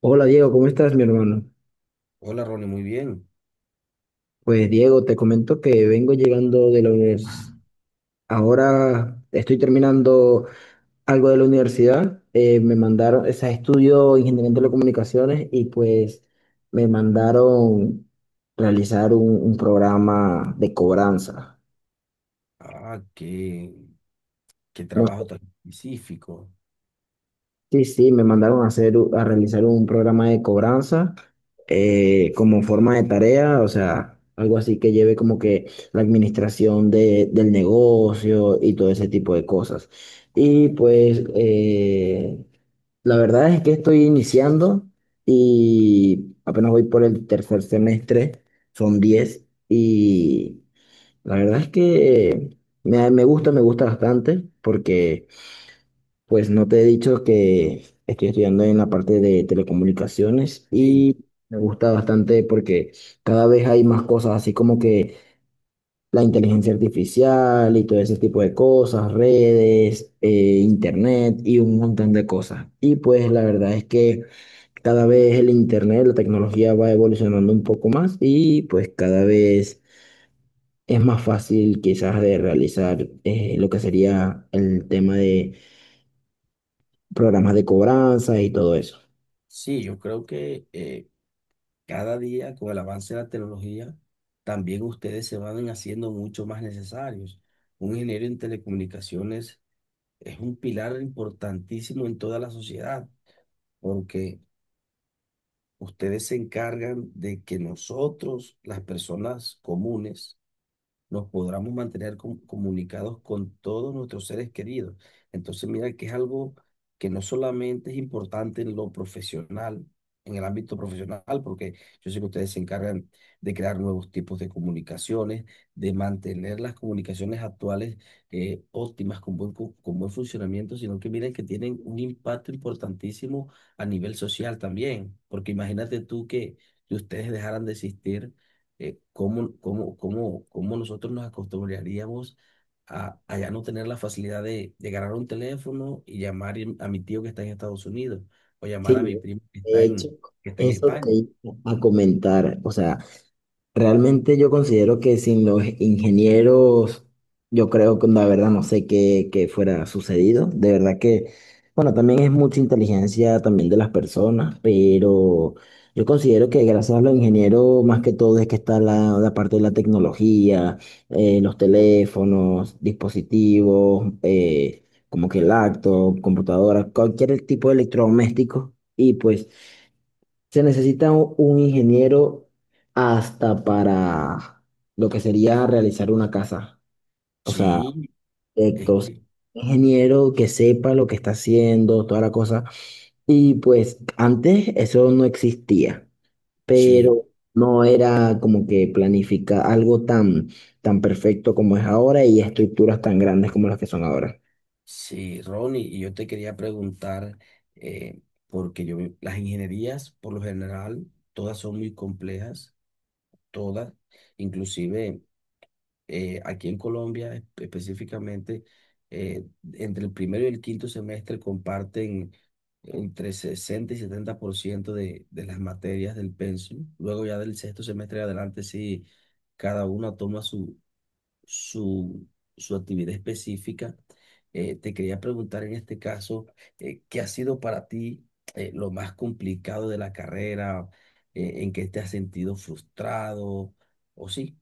Hola Diego, ¿cómo estás, mi hermano? Hola Ronnie, muy bien. Pues Diego, te comento que vengo llegando de la universidad. Ahora estoy terminando algo de la universidad. Me mandaron, o sea, estudio Ingeniería en Telecomunicaciones y pues me mandaron realizar un programa de cobranza. Ah, qué, ¿Qué No. trabajo tan específico? Sí, sí, me mandaron a hacer, a realizar un programa de cobranza, como forma de tarea, o sea, algo así que lleve como que la administración del negocio y todo ese tipo de cosas. Y pues la verdad es que estoy iniciando y apenas voy por el tercer semestre, son 10. Y la verdad es que me gusta bastante porque pues no te he dicho que estoy estudiando en la parte de telecomunicaciones Sí, y me gusta bastante porque cada vez hay más cosas, así como que la inteligencia artificial y todo ese tipo de cosas, redes, internet y un montón de cosas. Y pues la verdad es que cada vez el internet, la tecnología va evolucionando un poco más y pues cada vez es más fácil quizás de realizar, lo que sería el tema de programas de cobranza y todo eso. sí, yo creo que cada día, con el avance de la tecnología, también ustedes se van haciendo mucho más necesarios. Un ingeniero en telecomunicaciones es un pilar importantísimo en toda la sociedad, porque ustedes se encargan de que nosotros, las personas comunes, nos podamos mantener comunicados con todos nuestros seres queridos. Entonces, mira que es algo que no solamente es importante en lo profesional, en el ámbito profesional, porque yo sé que ustedes se encargan de crear nuevos tipos de comunicaciones, de mantener las comunicaciones actuales óptimas, con con buen funcionamiento, sino que miren que tienen un impacto importantísimo a nivel social también, porque imagínate tú que ustedes dejaran de existir cómo nosotros nos acostumbraríamos a ya no tener la facilidad de agarrar un teléfono y llamar a mi tío que está en Estados Unidos o llamar Sí, a mi primo que de está hecho, que está en eso te España? iba a comentar, o sea, realmente yo considero que sin los ingenieros, yo creo que la verdad no sé qué fuera sucedido. De verdad que, bueno, también es mucha inteligencia también de las personas, pero yo considero que gracias a los ingenieros, más que todo, es que está la, la parte de la tecnología, los teléfonos, dispositivos, como que laptop, computadoras, cualquier tipo de electrodoméstico. Y pues se necesita un ingeniero hasta para lo que sería realizar una casa. O sea, Sí, es proyectos, que ingeniero que sepa lo que está haciendo, toda la cosa. Y pues antes eso no existía, sí, pero no era como que planifica algo tan, tan perfecto como es ahora y estructuras tan grandes como las que son ahora. sí, Ronnie, y yo te quería preguntar, eh, porque las ingenierías por lo general, todas son muy complejas, todas, inclusive. Aquí en Colombia específicamente, eh, entre el primero y el quinto semestre comparten entre 60 y 70% de las materias del pensum. Luego ya del sexto semestre en adelante, sí, cada uno toma su, su actividad específica. Te quería preguntar en este caso, ¿qué ha sido para ti lo más complicado de la carrera? ¿En qué te has sentido frustrado? ¿O sí?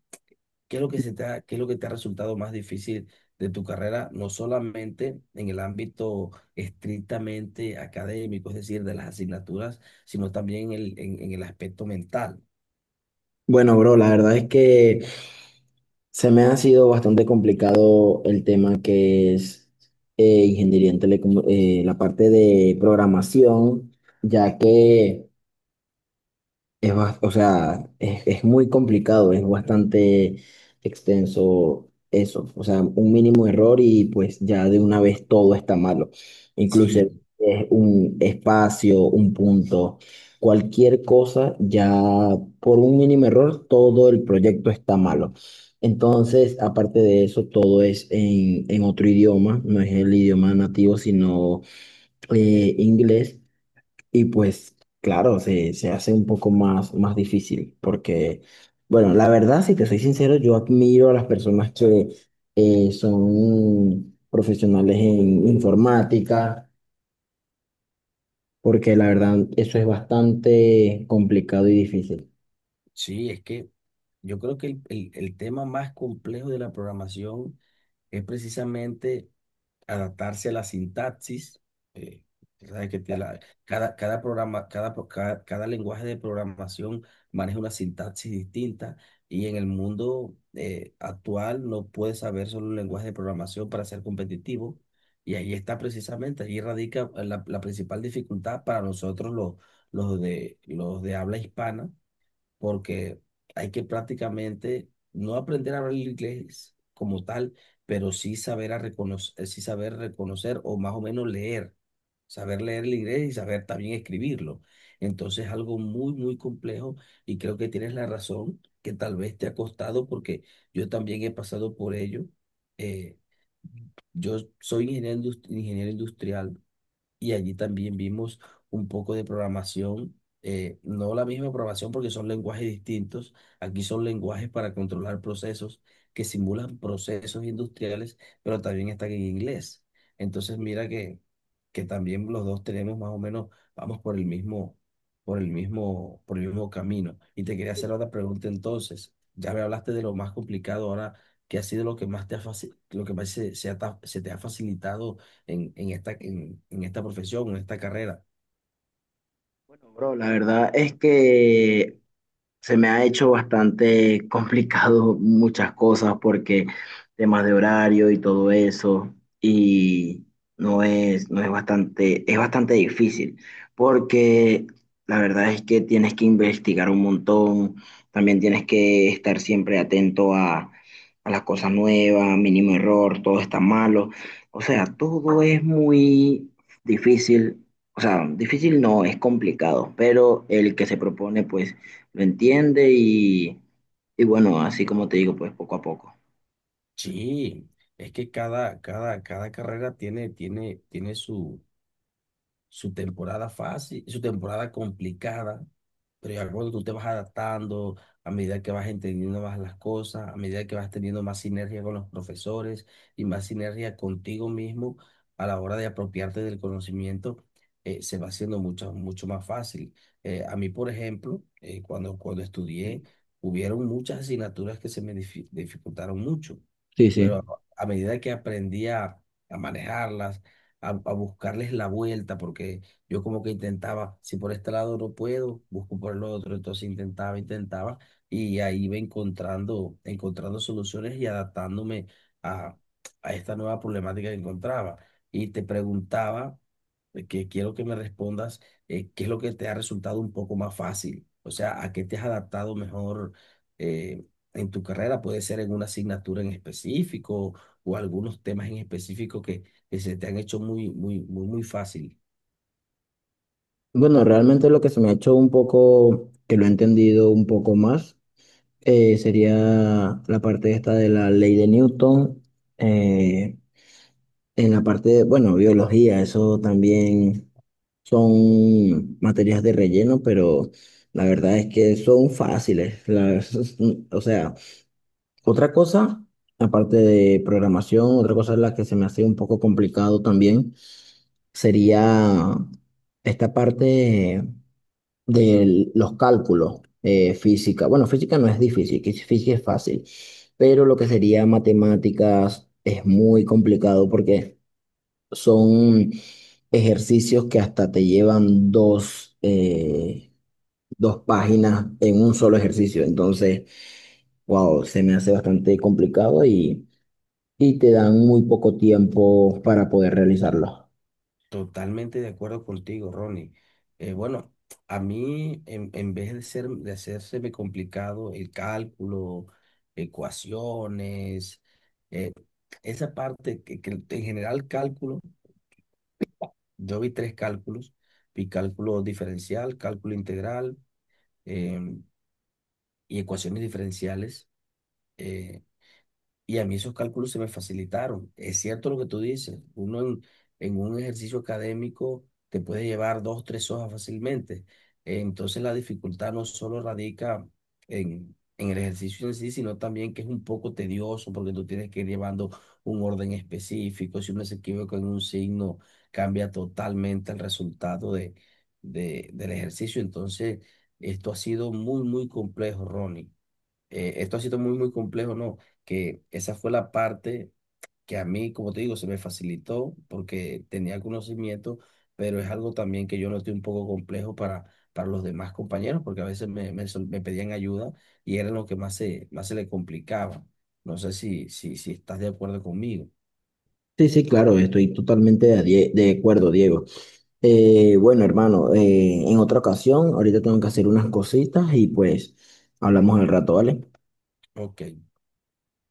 ¿Qué es lo que qué es lo que te ha resultado más difícil de tu carrera, no solamente en el ámbito estrictamente académico, es decir, de las asignaturas, sino también en en el aspecto mental? Bueno, bro, la verdad es que se me ha sido bastante complicado el tema que es, ingeniería en la parte de programación, ya que o sea, es muy complicado, es bastante extenso eso. O sea, un mínimo error y pues ya de una vez todo está malo. Incluso es Sí, un espacio, un punto, cualquier cosa, ya por un mínimo error todo el proyecto está malo. Entonces, aparte de eso, todo es en otro idioma, no es el idioma nativo, sino, inglés. Y pues, claro, se hace un poco más difícil porque, bueno, la verdad, si te soy sincero, yo admiro a las personas que, son profesionales en informática, porque la verdad, eso es bastante complicado y difícil. sí, es que yo creo que el tema más complejo de la programación es precisamente adaptarse a la sintaxis. eh, Tú sabes que cada, cada programa, cada, pro- cada, cada lenguaje de programación maneja una sintaxis distinta y en el mundo actual no puedes saber solo un lenguaje de programación para ser competitivo. Y ahí está precisamente, ahí radica la principal dificultad para nosotros los de habla hispana, porque hay que prácticamente no aprender a hablar el inglés como tal, pero sí saber a reconocer, sí saber reconocer o más o menos leer, saber leer el inglés y saber también escribirlo. Entonces, algo muy, muy complejo, y creo que tienes la razón que tal vez te ha costado, porque yo también he pasado por ello. Eh, yo soy ingeniero industrial, y allí también vimos un poco de programación, no la misma programación porque son lenguajes distintos, aquí son lenguajes para controlar procesos que simulan procesos industriales, pero también están en inglés. Entonces mira que también los dos tenemos más o menos, vamos por el mismo, por el mismo, por el mismo camino. Y te quería hacer otra pregunta entonces, ya me hablaste de lo más complicado ahora. ¿Qué ha sido lo que más lo que más se te ha facilitado en esta, en esta profesión, en esta carrera? Bueno, bro, la verdad es que se me ha hecho bastante complicado muchas cosas porque temas de horario y todo eso, y no es bastante, es bastante difícil porque la verdad es que tienes que investigar un montón, también tienes que estar siempre atento a las cosas nuevas, mínimo error, todo está malo, o sea, todo es muy difícil, o sea, difícil no, es complicado, pero el que se propone pues lo entiende y bueno, así como te digo, pues poco a poco. Sí, es que cada carrera tiene, tiene su, su temporada fácil, y su temporada complicada, pero ya cuando tú te vas adaptando, a medida que vas entendiendo más las cosas, a medida que vas teniendo más sinergia con los profesores y más sinergia contigo mismo a la hora de apropiarte del conocimiento, se va haciendo mucho, mucho más fácil. A mí, por ejemplo, cuando estudié, hubieron muchas asignaturas que se me dificultaron mucho, Sí, sí. pero a medida que aprendí a manejarlas, a buscarles la vuelta, porque yo como que intentaba, si por este lado no puedo, busco por el otro, entonces intentaba, intentaba, y ahí iba encontrando, encontrando soluciones y adaptándome a, a esta nueva problemática que encontraba. Y te preguntaba, que quiero que me respondas, ¿qué es lo que te ha resultado un poco más fácil? O sea, ¿a qué te has adaptado mejor? eh, en tu carrera, puede ser en una asignatura en específico o algunos temas en específico que se te han hecho muy, muy, muy, muy fácil. Bueno, realmente lo que se me ha hecho un poco, que lo he entendido un poco más, sería la parte esta de la ley de Newton, eh, en la parte de, bueno, biología, eso también son materias de relleno, pero la verdad es que son fáciles. O sea, otra cosa, aparte de programación, otra cosa en la que se me hace un poco complicado también sería esta parte de los cálculos, física. Bueno, física no es difícil, que física es fácil, pero lo que sería matemáticas es muy complicado porque son ejercicios que hasta te llevan dos páginas en un solo ejercicio. Entonces, wow, se me hace bastante complicado y te dan muy poco tiempo para poder realizarlo. Totalmente de acuerdo contigo, Ronnie. Bueno, a mí, en vez de ser, de hacérseme complicado el cálculo, ecuaciones, eh, esa parte que en general cálculo, yo vi tres cálculos, vi cálculo diferencial, cálculo integral, em, y ecuaciones diferenciales. eh, Y a mí esos cálculos se me facilitaron. Es cierto lo que tú dices. Uno en un ejercicio académico te puede llevar dos, tres hojas fácilmente. Entonces la dificultad no solo radica en el ejercicio en sí, sino también que es un poco tedioso porque tú tienes que ir llevando un orden específico. Si uno se equivoca en un signo, cambia totalmente el resultado del ejercicio. Entonces esto ha sido muy, muy complejo, Ronnie. Esto ha sido muy, muy complejo, ¿no? Que esa fue la parte que a mí, como te digo, se me facilitó porque tenía conocimiento, pero es algo también que yo noté un poco complejo para los demás compañeros, porque a veces me pedían ayuda y era lo que más más se le complicaba. No sé si, si estás de acuerdo conmigo. Sí, sí, claro, estoy totalmente de acuerdo, Diego. Bueno, hermano, en otra ocasión, ahorita tengo que hacer unas cositas y pues hablamos al rato, ¿vale? Ok.